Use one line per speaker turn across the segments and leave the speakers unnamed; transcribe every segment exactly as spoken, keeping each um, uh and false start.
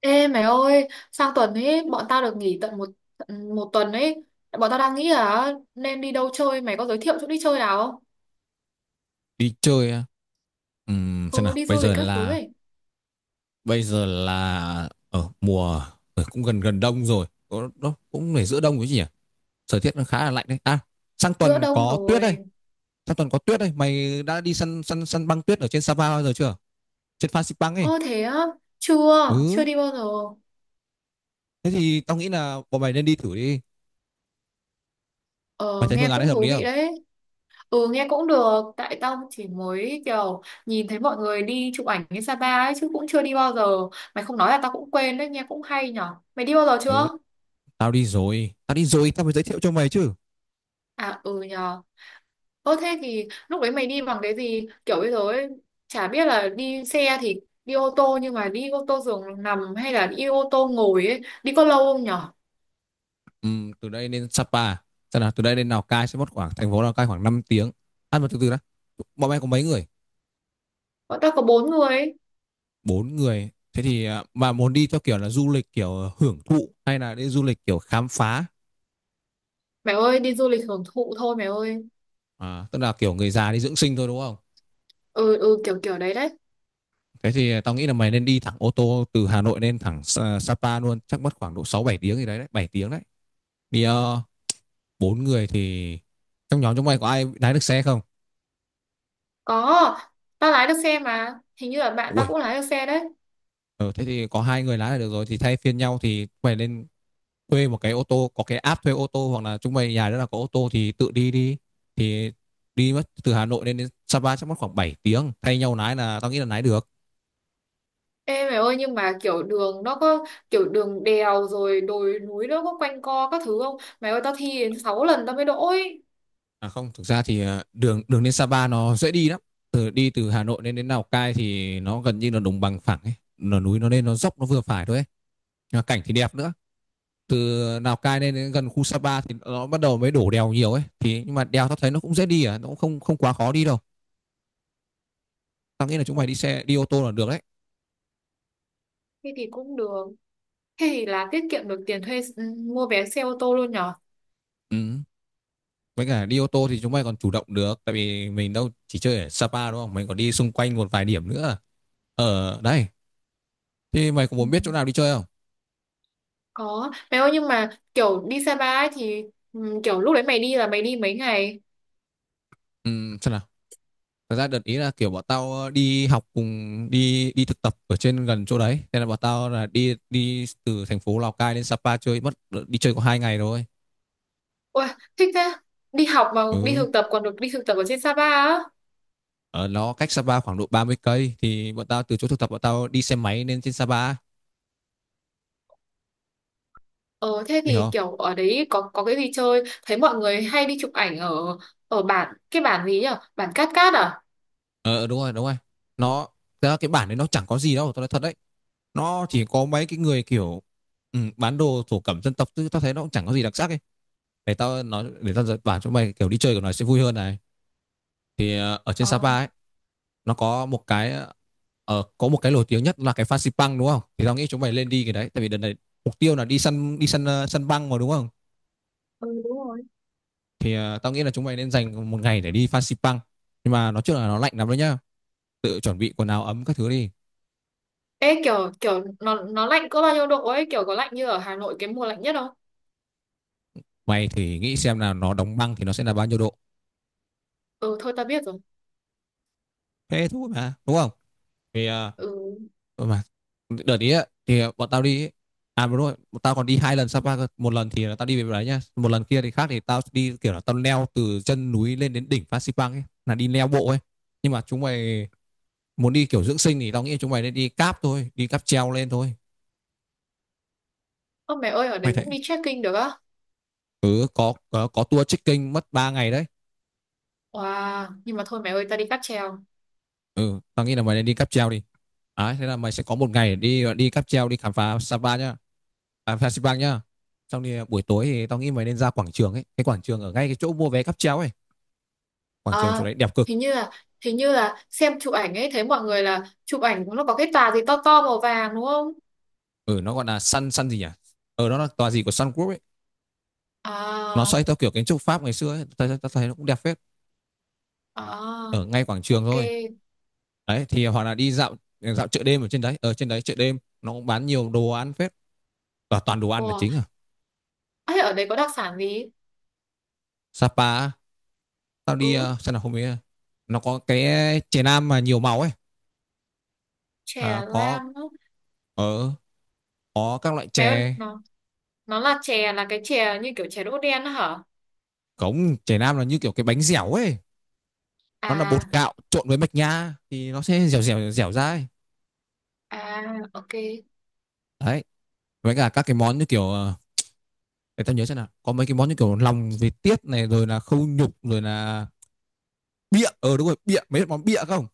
Ê mày ơi, sang tuần ấy bọn tao được nghỉ tận một một tuần ấy. Bọn tao đang nghĩ là nên đi đâu chơi, mày có giới thiệu chỗ đi chơi nào không?
Đi chơi á. Ừm, xem
Ừ,
nào
đi
bây
du lịch
giờ
các thứ
là
ấy.
bây giờ là ở mùa ờ, cũng gần gần đông rồi. Có- nó cũng phải giữa đông rồi chứ nhỉ. Thời tiết nó khá là lạnh đấy à. sang
Giữa
tuần
đông
có tuyết đây
rồi.
Sang tuần có tuyết đây. Mày đã đi săn săn săn băng tuyết ở trên Sapa bao giờ chưa, trên Phan Xipang ấy?
Ơ thế á, chưa, chưa
Ừ,
đi bao giờ.
thế thì tao nghĩ là bọn mày nên đi thử đi. Mày
Ờ,
thấy
nghe
phương án đấy
cũng
hợp
thú
lý
vị
không?
đấy. Ừ, nghe cũng được, tại tao chỉ mới kiểu nhìn thấy mọi người đi chụp ảnh đến Sapa ấy chứ cũng chưa đi bao giờ. Mày không nói là tao cũng quên đấy, nghe cũng hay nhở. Mày đi bao giờ
Ừ,
chưa?
tao đi rồi tao đi rồi tao mới giới thiệu cho mày chứ.
À ừ nhờ. Ơ thế thì lúc đấy mày đi bằng cái gì? Kiểu bây giờ ấy, chả biết là đi xe thì đi ô tô nhưng mà đi ô tô giường nằm hay là đi ô tô ngồi ấy, đi có lâu không nhở?
Ừm, từ đây lên Sapa, xem nào, từ đây lên Lào Cai sẽ mất khoảng, thành phố Lào Cai, khoảng năm tiếng. Ăn một, từ từ đã. Bọn em có mấy người?
Bọn tao có bốn người ấy.
Bốn người, thế thì à, mà muốn đi theo kiểu là du lịch kiểu hưởng thụ hay là đi du lịch kiểu khám phá?
Mẹ ơi, đi du lịch hưởng thụ thôi mẹ ơi.
À, tức là kiểu người già đi dưỡng sinh thôi đúng không?
Ừ ừ kiểu kiểu đấy đấy.
Thế thì tao nghĩ là mày nên đi thẳng ô tô từ Hà Nội lên thẳng Sa- Sapa luôn, chắc mất khoảng độ sáu bảy tiếng gì đấy đấy, bảy tiếng đấy. Vì ờ, bốn người thì, trong nhóm chúng mày có ai lái được xe không?
Có, tao lái được xe mà. Hình như là bạn tao
Ui,
cũng lái được xe đấy.
ờ, thế thì có hai người lái là được rồi, thì thay phiên nhau, thì mày lên thuê một cái ô tô, có cái app thuê ô tô, hoặc là chúng mày nhà đó là có ô tô thì tự đi đi. Thì đi mất từ Hà Nội lên đến Sapa chắc mất khoảng bảy tiếng, thay nhau lái là tao nghĩ là lái được.
Ê mẹ ơi nhưng mà kiểu đường nó có kiểu đường đèo rồi đồi núi nó có quanh co các thứ không? Mẹ ơi tao thi đến sáu lần tao mới đỗ ấy.
À không, thực ra thì ờ, đường đường lên Sapa nó dễ đi lắm. Từ đi từ Hà Nội lên đến Lào Cai thì nó gần như là đồng bằng phẳng ấy, là núi nó lên nó dốc nó vừa phải thôi ấy. Cảnh thì đẹp nữa. Từ Lào Cai lên đến gần khu Sapa thì nó bắt đầu mới đổ đèo nhiều ấy, thì nhưng mà đèo tao thấy nó cũng dễ đi à, nó cũng không không quá khó đi đâu. Tao nghĩ là chúng mày đi xe đi ô tô là được đấy.
Thế thì cũng được. Thế thì là tiết kiệm được tiền thuê ừ, mua vé xe ô tô luôn nhở?
Ừ. Với cả đi ô tô thì chúng mày còn chủ động được, tại vì mình đâu chỉ chơi ở Sapa đúng không, mình còn đi xung quanh một vài điểm nữa ở đây. Thì mày có
Ừ.
muốn biết chỗ nào đi chơi không?
Có. Mày ơi nhưng mà kiểu đi Sapa ấy thì ừ, kiểu lúc đấy mày đi là mày đi mấy ngày?
Ừ, xem nào, thật ra đợt ý là kiểu bọn tao ờ, đi học cùng đi đi thực tập ở trên gần chỗ đấy, nên là bọn tao là đi đi từ thành phố Lào Cai lên Sapa chơi mất, đi chơi có hai ngày rồi.
Ôi, thích thế. Đi học mà đi
Ừ,
thực tập còn được đi thực tập ở trên Sapa á.
ở nó cách Sapa khoảng độ ba mươi cây, thì bọn tao từ chỗ thực tập bọn tao đi xe máy lên trên Sapa,
Ờ thế
hiểu
thì
không?
kiểu ở đấy có có cái gì chơi? Thấy mọi người hay đi chụp ảnh ở ở bản cái bản gì nhỉ? Bản Cát Cát à?
Ờ đúng rồi đúng rồi Nó, thật ra cái bản đấy nó chẳng có gì đâu, tao nói thật đấy. Nó chỉ có mấy cái người kiểu ừ, bán đồ thổ cẩm dân tộc, chứ tao thấy nó cũng chẳng có gì đặc sắc ấy. Để tao nói, để tao bảo cho mày kiểu đi chơi của nó sẽ vui hơn này. Thì ờ, ở trên
Ờ.
Sapa ấy, nó có một cái ờ, có một cái nổi tiếng nhất là cái Fansipan Pang đúng không, thì tao nghĩ chúng mày lên đi cái đấy, tại vì đợt này mục tiêu là đi săn, đi săn ờ, săn băng mà đúng không.
Ừ đúng rồi.
Thì ờ, tao nghĩ là chúng mày nên dành một ngày để đi Fansipan Pang. Nhưng mà nói chung là nó lạnh lắm đấy nhá, tự chuẩn bị quần áo ấm các thứ đi.
Ê kiểu kiểu nó nó lạnh có bao nhiêu độ ấy, kiểu có lạnh như ở Hà Nội cái mùa lạnh nhất không?
Mày thì nghĩ xem là nó đóng băng thì nó sẽ là bao nhiêu độ,
Ừ thôi ta biết rồi.
thế thôi mà đúng không. Thì ờ,
Ừ.
ừ mà, đợt ý á thì bọn tao đi ấy. À đúng rồi, bọn tao còn đi hai lần Sapa cơ, một lần thì là tao đi về đấy nhá, một lần kia thì khác, thì tao đi kiểu là tao leo từ chân núi lên đến đỉnh Phan Xipang ấy, là đi leo bộ ấy. Nhưng mà chúng mày muốn đi kiểu dưỡng sinh thì tao nghĩ chúng mày nên đi cáp thôi, đi cáp treo lên thôi.
Ơ mẹ ơi ở
Mày
đấy
thấy
cũng đi trekking được á?
ừ có có, có tour trekking mất ba ngày đấy.
Wow, nhưng mà thôi mẹ ơi ta đi cáp treo.
Ừ tao nghĩ là mày nên đi cáp treo đi. Đấy, thế là mày sẽ có một ngày để đi đi cáp treo đi khám phá Sapa nhá, à, phá Sipang nhá. Xong thì à, buổi tối thì tao nghĩ mày nên ra quảng trường ấy, cái quảng trường ở ngay cái chỗ mua vé cáp treo ấy, quảng trường chỗ
À,
đấy đẹp cực.
hình như là hình như là xem chụp ảnh ấy thấy mọi người là chụp ảnh nó có cái tà gì to to màu vàng đúng không?
Ừ nó gọi là Sun Sun gì nhỉ, ừ nó là tòa gì của Sun Group ấy. Nó
À.
xoay theo kiểu kiến trúc Pháp ngày xưa ấy, tao tao tao thấy nó cũng đẹp phết,
À
ở ngay quảng trường
ok.
thôi. Đấy thì à, hoặc là đi dạo dạo chợ đêm ở trên đấy, ở trên đấy chợ đêm nó cũng bán nhiều đồ ăn phết, và toàn đồ ăn là
Wow,
chính à.
ấy ở đấy có đặc sản gì?
Sapa á, tao đi
Ừ,
ờ, xem nào không biết, nó có cái chè nam mà nhiều màu ấy.
chè
À, có,
lam á.
ở có các loại
Mẹ ơi
chè.
nó nó là chè là cái chè như kiểu chè đỗ đen á hả?
Cống chè nam là như kiểu cái bánh dẻo ấy, nó là
À.
bột gạo trộn với mạch nha thì nó sẽ dẻo dẻo dẻo ra ấy.
À ok.
Đấy, với cả các cái món như kiểu ờ, để tao nhớ xem nào, có mấy cái món như kiểu lòng vịt tiết này, rồi là khâu nhục, rồi là bịa, ờ đúng rồi bịa, mấy món bịa không?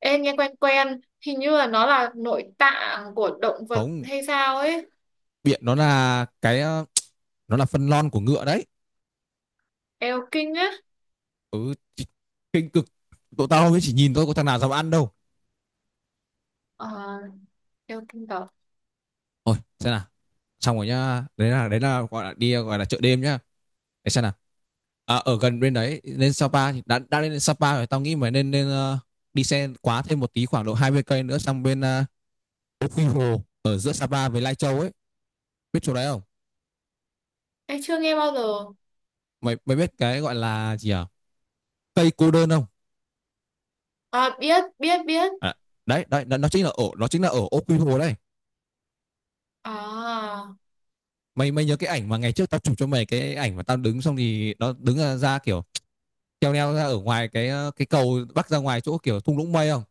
Ê, nghe quen quen, hình như là nó là nội tạng của động vật
Không,
hay sao ấy.
bịa nó là cái ờ, nó là phân lon của ngựa đấy.
Eo kinh á.
Ừ kinh cực, tụi tao mới chỉ nhìn thôi có thằng nào dám ăn đâu.
Ờ. Đeo kim cẩu.
Ôi, xem nào, xong rồi nhá, đấy là, đấy là gọi là đi, gọi là chợ đêm nhá. Để xem nào, à, ở gần bên đấy lên Sapa thì đã đã lên Sapa rồi tao nghĩ mà nên nên ờ, đi xe quá thêm một tí khoảng độ hai mươi cây nữa sang bên ờ, Quy Hồ ở giữa Sapa với Lai Châu ấy, biết chỗ đấy không?
Em chưa nghe bao giờ.
Mày mày biết cái gọi là gì à, cây cô đơn không?
À biết, biết, biết.
À, đấy đấy, nó, chính là ở, nó chính là ở Ô Quy Hồ đây.
À.
Mày mày nhớ cái ảnh mà ngày trước tao chụp cho mày, cái ảnh mà tao đứng xong thì nó đứng ra, ra kiểu treo leo ra ở ngoài cái ờ, cái cầu bắc ra ngoài chỗ kiểu thung lũng mây không?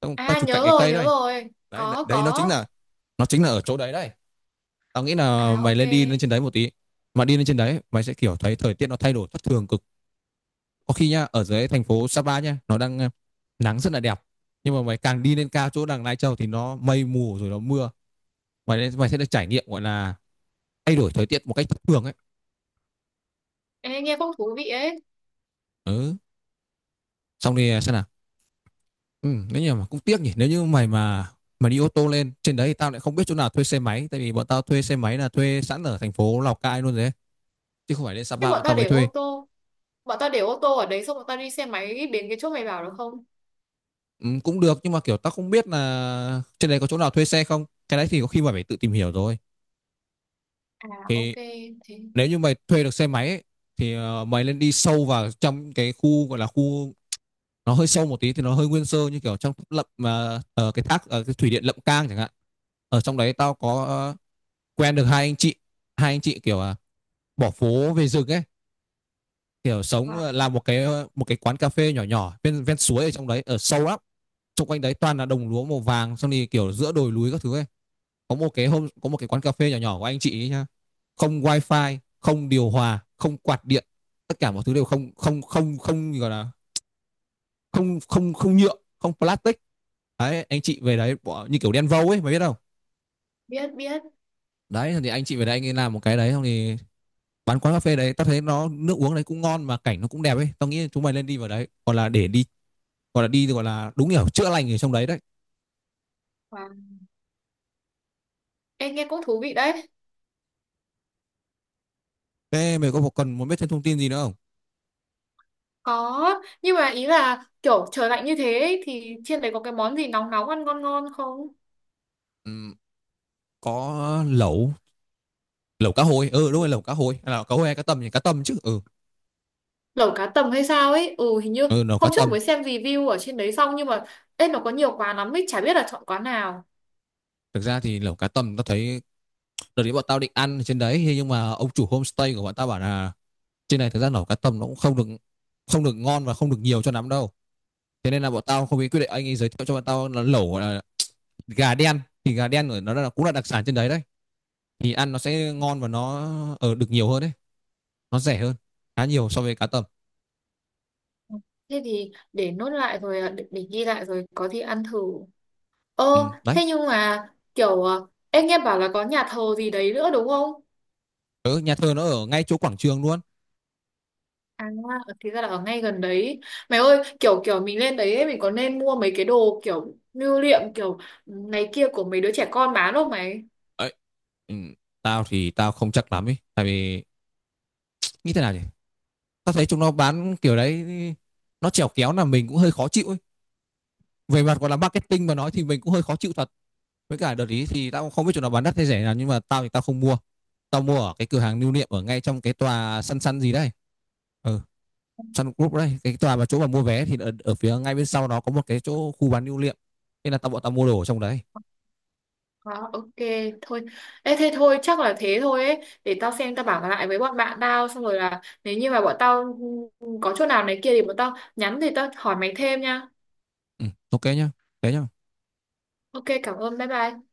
Tao, tao
À
chụp cạnh
nhớ
cái
rồi,
cây
nhớ
đấy.
rồi.
Đấy
Có,
đấy, nó chính
có.
là, nó chính là ở chỗ đấy đấy. Tao nghĩ là
À
mày
ok.
lên đi lên trên đấy một tí. Mà đi lên trên đấy mày sẽ kiểu thấy thời tiết nó thay đổi thất thường cực. Có khi nhá, ở dưới thành phố Sapa nhá nó đang ờ, nắng rất là đẹp, nhưng mà mày càng đi lên cao chỗ đằng Lai Châu thì nó mây mù rồi nó mưa. Mày mày sẽ được trải nghiệm gọi là thay đổi thời tiết một cách thất thường ấy.
Em nghe cũng thú vị ấy.
Ừ, xong thì xem nào, ừ nếu như mà cũng tiếc nhỉ, nếu như mày mà mà đi ô tô lên trên đấy thì tao lại không biết chỗ nào thuê xe máy, tại vì bọn tao thuê xe máy là thuê sẵn ở thành phố Lào Cai luôn rồi, chứ không phải lên
Thế
Sapa
bọn
bọn
ta
tao mới
để ô
thuê.
tô. Bọn ta để ô tô ở đấy xong bọn ta đi xe máy đến cái chỗ mày bảo được không?
Ừ, cũng được nhưng mà kiểu tao không biết là trên đấy có chỗ nào thuê xe không, cái đấy thì có khi mày phải tự tìm hiểu rồi.
À
Thì
ok. Thế.
nếu như mày thuê được xe máy ấy, thì ờ, mày nên đi sâu vào trong cái khu gọi là khu, nó hơi sâu một tí thì nó hơi nguyên sơ như kiểu trong lậm mà ờ, cái thác ờ, cái thủy điện Lậm Cang chẳng hạn. Ở trong đấy tao có ờ, quen được hai anh chị, hai anh chị kiểu à, bỏ phố về rừng ấy, kiểu sống
Wow.
ờ, làm một cái ờ, một cái quán cà phê nhỏ nhỏ ven ven suối ở trong đấy ở sâu lắm. Xung quanh đấy toàn là đồng lúa màu vàng, xong thì kiểu giữa đồi núi các thứ ấy. Có một cái hôm có một cái quán cà phê nhỏ nhỏ của anh chị ấy nhá, không wifi, không điều hòa, không quạt điện, tất cả mọi thứ đều không, không không không gọi là, không không không nhựa, không plastic. Đấy anh chị về đấy bỏ như kiểu đen vâu ấy, mày biết không.
Biết, biết.
Đấy thì anh chị về đấy, anh ấy làm một cái đấy, xong thì bán quán cà phê đấy, tao thấy nó nước uống đấy cũng ngon mà cảnh nó cũng đẹp ấy, tao nghĩ chúng mày nên đi vào đấy gọi là để đi, gọi là đi, gọi là đúng hiểu chữa lành ở trong đấy đấy.
Wow. Em nghe cũng thú vị đấy.
Thế mày có cần muốn biết thêm thông tin gì nữa không?
Có. Nhưng mà ý là kiểu trời lạnh như thế ấy, thì trên đấy có cái món gì nóng nóng ăn ngon ngon không?
Ừ, có lẩu, lẩu cá hồi, ừ đúng rồi lẩu cá hồi, lẩu cá hồi hay cá tầm thì cá tầm chứ ừ.
Lẩu cá tầm hay sao ấy, ừ hình như
Ừ lẩu cá
hôm trước
tầm,
mới xem review ở trên đấy xong, nhưng mà ê nó có nhiều quán lắm ấy chả biết là chọn quán nào.
thực ra thì lẩu cá tầm tao thấy, đợt đấy bọn tao định ăn ở trên đấy nhưng mà ông chủ homestay của bọn tao bảo là trên này thực ra lẩu cá tầm nó cũng không được, không được ngon và không được nhiều cho lắm đâu. Thế nên là bọn tao không biết quyết định, anh ấy giới thiệu cho bọn tao là lẩu gọi là gà đen, thì gà đen ở nó là cũng là đặc sản trên đấy đấy, thì ăn nó sẽ ngon và nó ở được nhiều hơn đấy, nó rẻ hơn khá nhiều so với cá tầm.
Ừ, thế thì để nốt lại rồi à, để, để ghi lại rồi có gì ăn thử. Ơ
Ừ, đấy.
thế nhưng mà kiểu à, em nghe bảo là có nhà thờ gì đấy nữa đúng không?
Ừ, nhà thờ nó ở ngay chỗ quảng trường luôn.
À thì ra là ở ngay gần đấy. Mày ơi kiểu kiểu mình lên đấy ấy, mình có nên mua mấy cái đồ kiểu lưu niệm kiểu này kia của mấy đứa trẻ con bán không mày?
Ấy ừ, tao thì tao không chắc lắm ấy, tại vì như thế nào nhỉ, tao thấy chúng nó bán kiểu đấy, nó chèo kéo là mình cũng hơi khó chịu ấy, về mặt gọi là marketing mà nói thì mình cũng hơi khó chịu thật. Với cả đợt ý thì tao cũng không biết chúng nó bán đắt hay rẻ nào, nhưng mà tao thì tao không mua. Tao mua ở cái cửa hàng lưu niệm ở ngay trong cái tòa săn săn gì đấy, ừ Sun Group đấy, cái tòa mà chỗ mà mua vé thì ở, ở phía ngay bên sau nó có một cái chỗ khu bán lưu niệm, nên là tao bọn tao mua đồ ở trong đấy.
À, ok thôi. Ê, thế thôi chắc là thế thôi ấy, để tao xem tao bảo lại với bọn bạn tao xong rồi là nếu như mà bọn tao ừ, có chỗ nào này kia thì bọn tao nhắn thì tao hỏi mày thêm nha.
Ừ, ok nhá, thế nhá.
Ok cảm ơn bye bye.